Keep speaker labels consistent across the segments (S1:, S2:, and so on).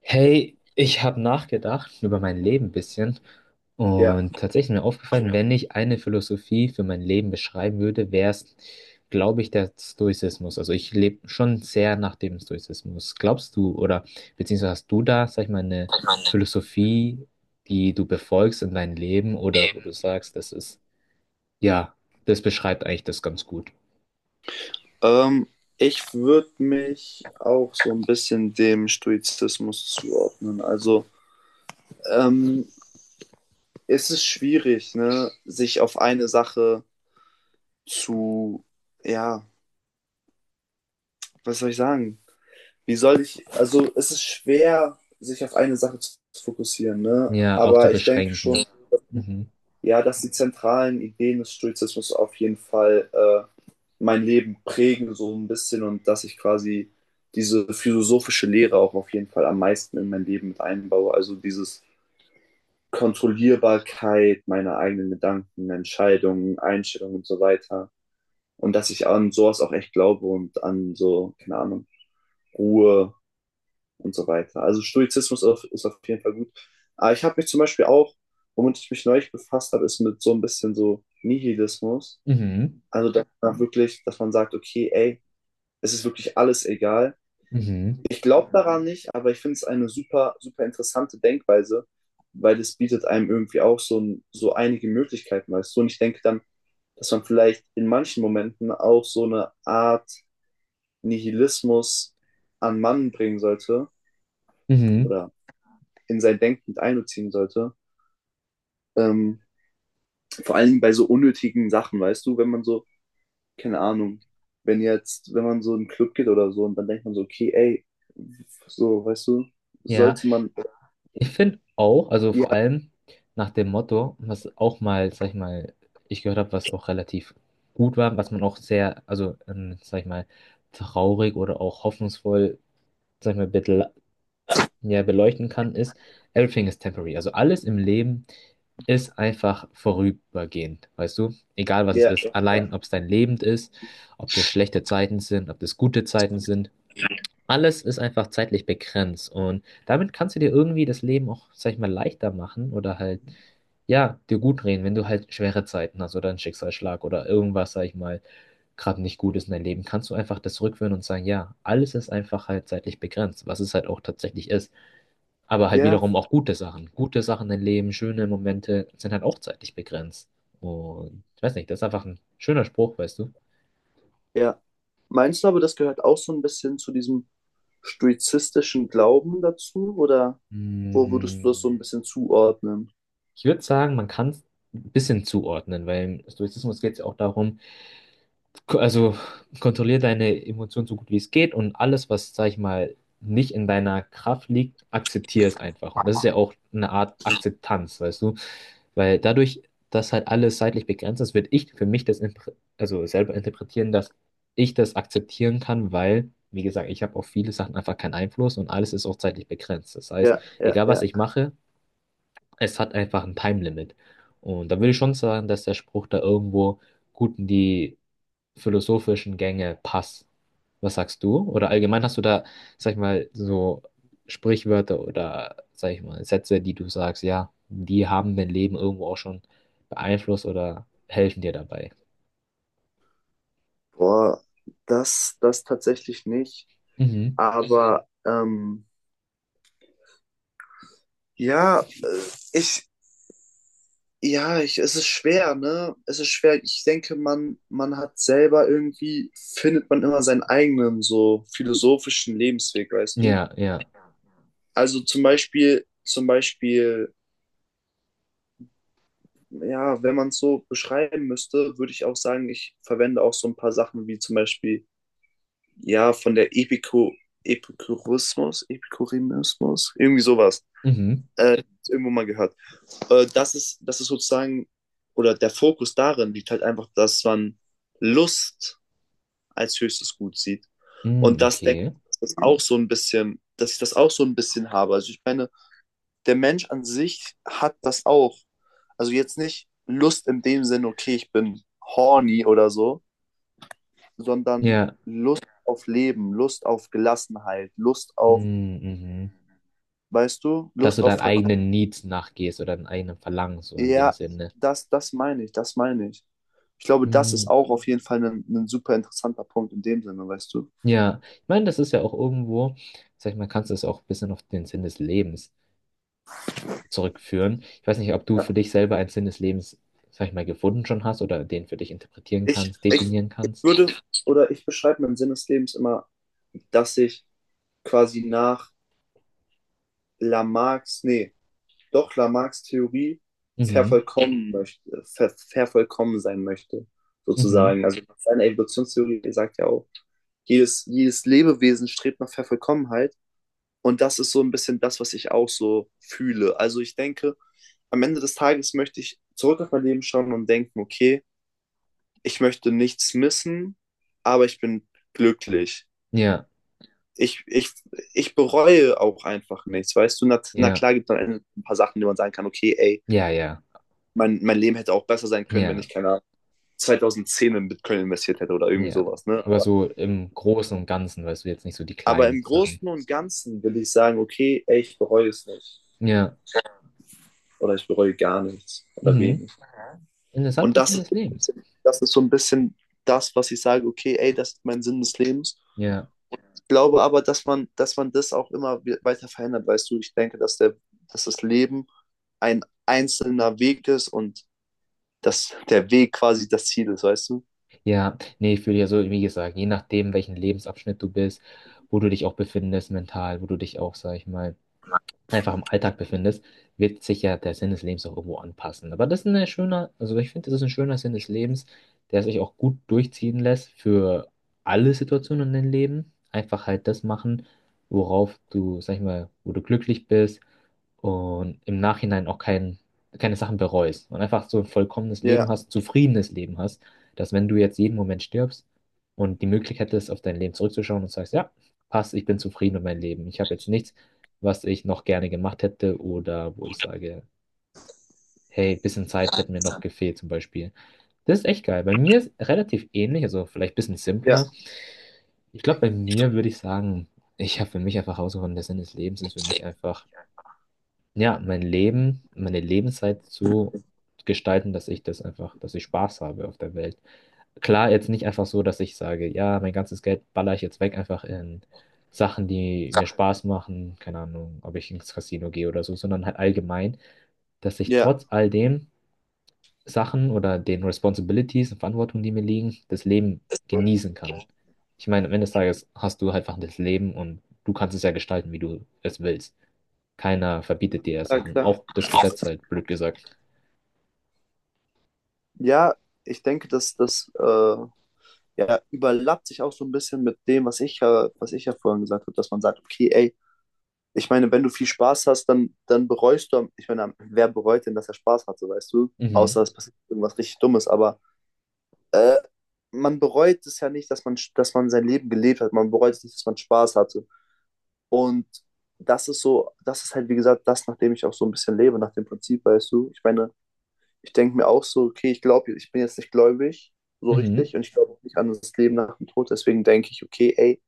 S1: Hey, ich habe nachgedacht über mein Leben ein bisschen
S2: Ja,
S1: und tatsächlich mir aufgefallen, wenn ich eine Philosophie für mein Leben beschreiben würde, wäre es, glaube ich, der Stoizismus. Also ich lebe schon sehr nach dem Stoizismus. Glaubst du oder beziehungsweise hast du da, sag ich mal, eine Philosophie, die du befolgst in deinem Leben oder wo du sagst, das ist, ja, das beschreibt eigentlich das ganz gut.
S2: ähm, ich würde mich auch so ein bisschen dem Stoizismus zuordnen. Also ähm, es ist schwierig, ne, sich auf eine Sache zu, ja, was soll ich sagen? Also es ist schwer, sich auf eine Sache zu fokussieren, ne?
S1: Ja, auch zu
S2: Aber ich denke
S1: beschränken.
S2: schon,
S1: Mhm.
S2: ja, dass die zentralen Ideen des Stoizismus auf jeden Fall mein Leben prägen, so ein bisschen, und dass ich quasi diese philosophische Lehre auch auf jeden Fall am meisten in mein Leben mit einbaue. Also dieses Kontrollierbarkeit meiner eigenen Gedanken, Entscheidungen, Einstellungen und so weiter. Und dass ich an sowas auch echt glaube und an so, keine Ahnung, Ruhe, und so weiter. Also ist auf jeden Fall gut. Aber ich habe mich zum Beispiel auch, womit ich mich neulich befasst habe, ist mit so ein bisschen so Nihilismus.
S1: Mhm.
S2: Also dass man sagt, okay, ey, es ist wirklich alles egal.
S1: Mhm.
S2: Ich glaube daran nicht, aber ich finde es eine super, super interessante Denkweise, weil es bietet einem irgendwie auch so einige Möglichkeiten, weißt du? Und ich denke dann, dass man vielleicht in manchen Momenten auch so eine Art Nihilismus an Mann bringen sollte
S1: Mhm.
S2: oder in sein Denken mit einbeziehen sollte. Ähm, Vor allem bei so unnötigen Sachen, weißt du, wenn man so, keine Ahnung, wenn man so in einen Club geht oder so und dann denkt man so, okay, ey, so, weißt du,
S1: Ja.
S2: sollte man,
S1: Ich finde auch, also vor
S2: ja,
S1: allem nach dem Motto, was auch mal, sag ich mal, ich gehört habe, was auch relativ gut war, was man auch sehr, also, sag ich mal, traurig oder auch hoffnungsvoll, sag ich mal, ja, beleuchten kann, ist, everything is temporary. Also alles im Leben ist einfach vorübergehend, weißt du? Egal was es
S2: ja,
S1: ist, allein
S2: ja,
S1: ob es dein Leben ist, ob das schlechte Zeiten sind, ob das gute Zeiten sind. Alles ist einfach zeitlich begrenzt und damit kannst du dir irgendwie das Leben auch, sag ich mal, leichter machen oder halt, ja, dir gut reden, wenn du halt schwere Zeiten hast oder einen Schicksalsschlag oder irgendwas, sag ich mal, gerade nicht gut ist in deinem Leben, kannst du einfach das zurückführen und sagen, ja, alles ist einfach halt zeitlich begrenzt, was es halt auch tatsächlich ist. Aber halt
S2: ja,
S1: wiederum auch gute Sachen. Gute Sachen im Leben, schöne Momente sind halt auch zeitlich begrenzt. Und ich weiß nicht, das ist einfach ein schöner Spruch, weißt du?
S2: ja. Meinst du aber, das gehört auch so ein bisschen zu diesem stoizistischen Glauben dazu oder wo würdest du das so ein
S1: Mm.
S2: bisschen zuordnen?
S1: Ich würde sagen, man kann es ein bisschen zuordnen, weil im Stoizismus geht es ja auch darum, also kontrollier deine Emotionen so gut wie es geht und alles, was, sag ich mal, nicht in deiner Kraft liegt, akzeptier es einfach. Und das ist ja auch eine Art Akzeptanz, weißt du? Weil dadurch, dass halt alles zeitlich begrenzt ist, würde ich für mich das also selber interpretieren, dass ich das akzeptieren kann, weil, wie gesagt, ich habe auf viele Sachen einfach keinen Einfluss und alles ist auch zeitlich begrenzt. Das heißt,
S2: Ja, ja,
S1: egal was
S2: ja.
S1: ich mache, es hat einfach ein Time-Limit. Und da würde ich schon sagen, dass der Spruch da irgendwo gut in die philosophischen Gänge passt. Was sagst du? Oder allgemein hast du da, sag ich mal, so Sprichwörter oder, sag ich mal, Sätze, die du sagst, ja, die haben dein Leben irgendwo auch schon beeinflusst oder helfen dir dabei.
S2: Boah, das tatsächlich nicht,
S1: Mhm.
S2: aber Ja, äh, ich, ja, es ist schwer, ne? Es ist schwer. Ich denke, man hat selber irgendwie, findet man immer seinen eigenen so philosophischen Lebensweg, weißt du?
S1: Ja, ja.
S2: Also zum Beispiel, ja, wenn man es so beschreiben müsste, würde ich auch sagen, ich verwende auch so ein paar Sachen wie zum Beispiel, ja, von der Epikurismus, irgendwie sowas.
S1: Mhm.
S2: Äh, Irgendwo mal gehört. Das ist sozusagen, oder der Fokus darin liegt halt einfach, dass man Lust als höchstes Gut sieht. Und
S1: Mhm,
S2: das denke
S1: okay.
S2: ich, dass ich das auch so ein bisschen habe. Also ich meine, der Mensch an sich hat das auch. Also jetzt nicht Lust in dem Sinne, okay, ich bin horny oder so, sondern
S1: Ja.
S2: Lust auf Leben, Lust auf Gelassenheit, Lust auf,
S1: Mhm, mhm.
S2: weißt du,
S1: Dass du
S2: Lust auf
S1: deinen
S2: Verk.
S1: eigenen Needs nachgehst oder deinen eigenen Verlangen, so in dem
S2: Ja,
S1: Sinne.
S2: das meine ich, das meine ich. Ich glaube, das ist
S1: Mhm.
S2: auch auf jeden Fall ein super interessanter Punkt in dem Sinne, weißt du?
S1: Ja, ich meine, das ist ja auch irgendwo, sag ich mal, kannst du es auch ein bisschen auf den Sinn des Lebens zurückführen. Ich weiß nicht, ob du für
S2: Ja.
S1: dich selber einen Sinn des Lebens, sag ich mal, gefunden schon hast oder den für dich interpretieren
S2: Ich,
S1: kannst,
S2: ich,
S1: definieren
S2: ich
S1: kannst.
S2: würde, oder ich beschreibe meinen Sinn des Lebens immer, dass ich quasi nach Lamarcks, nee, doch Lamarcks Theorie
S1: Mhm,
S2: vervollkommen sein möchte,
S1: mhm,
S2: sozusagen. Also seine Evolutionstheorie sagt ja auch, jedes Lebewesen strebt nach Vervollkommenheit. Und das ist so ein bisschen das, was ich auch so fühle. Also ich denke, am Ende des Tages möchte ich zurück auf mein Leben schauen und denken, okay, ich möchte nichts missen, aber ich bin glücklich.
S1: ja,
S2: Ich, ich, ich bereue auch einfach nichts, weißt du? Na
S1: ja,
S2: klar gibt es am Ende ein paar Sachen, die man sagen kann, okay, ey,
S1: ja, ja,
S2: mein Leben hätte auch besser sein können, wenn
S1: ja,
S2: ich, keine Ahnung, 2010 in Bitcoin investiert hätte oder irgendwie
S1: ja.
S2: sowas, ne?
S1: Aber so im Großen und Ganzen, weißt du, jetzt nicht so die
S2: Aber
S1: kleinen
S2: im
S1: Sachen.
S2: Großen und Ganzen will ich sagen, okay, ey, ich bereue es nicht.
S1: Ja,
S2: Oder ich bereue gar nichts oder
S1: mhm.
S2: wenig. Und
S1: Interessanter
S2: das
S1: Sinn
S2: ist,
S1: des
S2: so ein
S1: Lebens.
S2: bisschen, das ist so ein bisschen das, was ich sage, okay, ey, das ist mein Sinn des Lebens.
S1: Ja.
S2: Ich glaube aber, dass man das auch immer weiter verändert, weißt du, ich denke, dass das Leben ein einzelner Weg ist und dass der Weg quasi das Ziel ist, weißt du?
S1: Ja, nee, ich würde ja so, wie gesagt, je nachdem, welchen Lebensabschnitt du bist, wo du dich auch befindest mental, wo du dich auch, sag ich mal, einfach im Alltag befindest, wird sich ja der Sinn des Lebens auch irgendwo anpassen. Aber das ist ein schöner, also ich finde, das ist ein schöner Sinn des Lebens, der sich auch gut durchziehen lässt für alle Situationen in deinem Leben. Einfach halt das machen, worauf du, sag ich mal, wo du glücklich bist und im Nachhinein auch keine Sachen bereust und einfach so ein vollkommenes
S2: Ja,
S1: Leben hast, zufriedenes Leben hast, dass wenn du jetzt jeden Moment stirbst und die Möglichkeit ist, auf dein Leben zurückzuschauen und sagst, ja, passt, ich bin zufrieden mit meinem Leben, ich habe jetzt nichts was ich noch gerne gemacht hätte oder wo ich sage, hey, bisschen Zeit hätte mir noch gefehlt zum Beispiel. Das ist echt geil. Bei mir ist relativ ähnlich, also vielleicht ein bisschen
S2: ja,
S1: simpler. Ich glaube, bei mir würde ich sagen, ich habe für mich einfach herausgefunden, der Sinn des Lebens ist für mich einfach ja, mein Leben, meine Lebenszeit zu gestalten, dass ich das einfach, dass ich Spaß habe auf der Welt. Klar, jetzt nicht einfach so, dass ich sage, ja, mein ganzes Geld baller ich jetzt weg, einfach in Sachen, die mir Spaß machen, keine Ahnung, ob ich ins Casino gehe oder so, sondern halt allgemein, dass ich
S2: ja.
S1: trotz all dem Sachen oder den Responsibilities und Verantwortungen, die mir liegen, das Leben genießen kann. Ich meine, am Ende des Tages hast du halt einfach das Leben und du kannst es ja gestalten, wie du es willst. Keiner verbietet dir ja
S2: Ja,
S1: Sachen.
S2: klar.
S1: Auch das Gesetz halt, blöd gesagt.
S2: Ja, ich denke, dass das ja, überlappt sich auch so ein bisschen mit dem, was ich ja vorhin gesagt habe, dass man sagt, okay, ey, ich meine, wenn du viel Spaß hast, dann bereust du, ich meine, wer bereut denn, dass er Spaß hatte, weißt du? Außer
S1: Mhm.
S2: es passiert irgendwas richtig Dummes, aber äh, man bereut es ja nicht, dass man sein Leben gelebt hat, man bereut es nicht, dass man Spaß hatte. Und das ist so, das ist halt, wie gesagt, das, nach dem ich auch so ein bisschen lebe, nach dem Prinzip, weißt du? Ich meine, ich denke mir auch so, okay, ich glaube, ich bin jetzt nicht gläubig, so
S1: Mhm.
S2: richtig, und ich glaube auch nicht an das Leben nach dem Tod. Deswegen denke ich, okay, ey,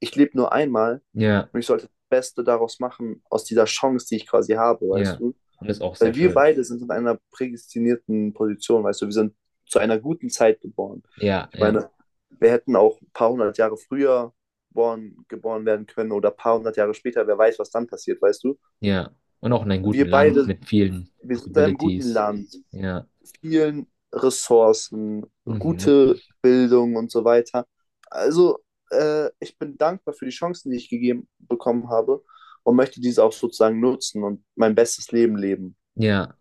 S2: ich lebe nur einmal
S1: Ja,
S2: und ich sollte das Beste daraus machen, aus dieser Chance, die ich quasi habe, weißt
S1: ja.
S2: du?
S1: Und ist auch sehr
S2: Weil wir
S1: schön.
S2: beide sind in einer prädestinierten Position, weißt du, wir sind zu einer guten Zeit geboren.
S1: Ja,
S2: Ich
S1: ja,
S2: meine, wir hätten auch ein paar hundert Jahre früher geboren werden können oder ein paar hundert Jahre später, wer weiß, was dann passiert, weißt du?
S1: ja. Und auch in einem guten
S2: Wir
S1: Land
S2: beide
S1: mit vielen
S2: wir sind in einem guten
S1: Possibilities.
S2: Land,
S1: Ja.
S2: vielen Ressourcen,
S1: Mhm.
S2: gute Bildung und so weiter. Also, ich bin dankbar für die Chancen, die ich gegeben bekommen habe und möchte diese auch sozusagen nutzen und mein bestes Leben leben.
S1: Ja.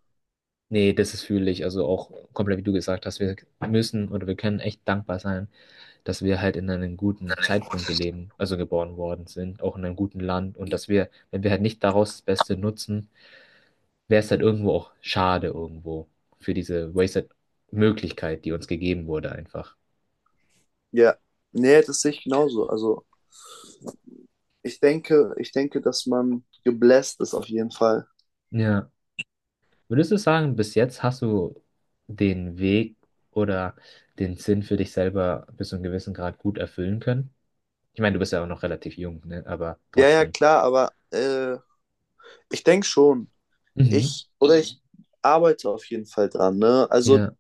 S1: Nee, das ist fühle ich. Also auch komplett, wie du gesagt hast, wir müssen oder wir können echt dankbar sein, dass wir halt in einem guten Zeitpunkt gelebt, also geboren worden sind, auch in einem guten Land und dass wir, wenn wir halt nicht daraus das Beste nutzen, wäre es halt irgendwo auch schade irgendwo für diese Wasted Möglichkeit, die uns gegeben wurde einfach.
S2: Ja, nee, das sehe ich genauso. Also, ich denke, dass man gebläst ist auf jeden Fall.
S1: Ja. Würdest du sagen, bis jetzt hast du den Weg oder den Sinn für dich selber bis zu einem gewissen Grad gut erfüllen können? Ich meine, du bist ja auch noch relativ jung, ne? Aber
S2: Ja, ja,
S1: trotzdem.
S2: klar, aber ich denke schon.
S1: Mhm.
S2: Ich arbeite auf jeden Fall dran, ne? Also
S1: Ja.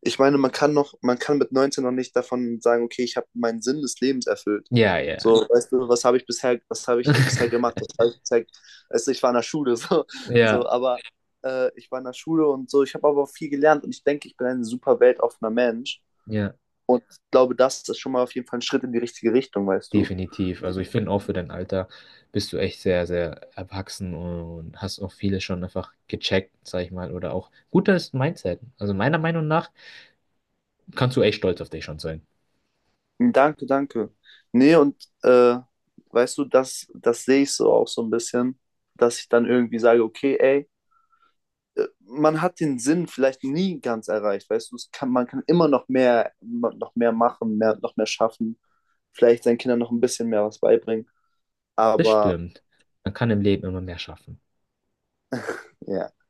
S2: ich meine, man kann mit 19 noch nicht davon sagen, okay, ich habe meinen Sinn des Lebens erfüllt.
S1: Ja,
S2: So,
S1: ja.
S2: weißt du, was habe ich bisher, was habe ich bisher gemacht, was habe ich bisher, also ich war in der Schule, so, so
S1: Ja,
S2: aber ich war in der Schule und so, ich habe aber auch viel gelernt und ich denke, ich bin ein super weltoffener Mensch
S1: ja.
S2: und ich glaube, das ist schon mal auf jeden Fall ein Schritt in die richtige Richtung, weißt du.
S1: Definitiv. Also ich finde auch für dein Alter bist du echt sehr, sehr erwachsen und hast auch vieles schon einfach gecheckt, sag ich mal, oder auch gutes Mindset. Also meiner Meinung nach kannst du echt stolz auf dich schon sein.
S2: Danke, danke. Nee, und weißt du, das sehe ich so auch so ein bisschen, dass ich dann irgendwie sage, okay, ey, man hat den Sinn vielleicht nie ganz erreicht, weißt du, man kann immer noch mehr machen, noch mehr schaffen, vielleicht seinen Kindern noch ein bisschen mehr was beibringen,
S1: Das
S2: aber
S1: stimmt. Man kann im Leben immer mehr schaffen.
S2: ja,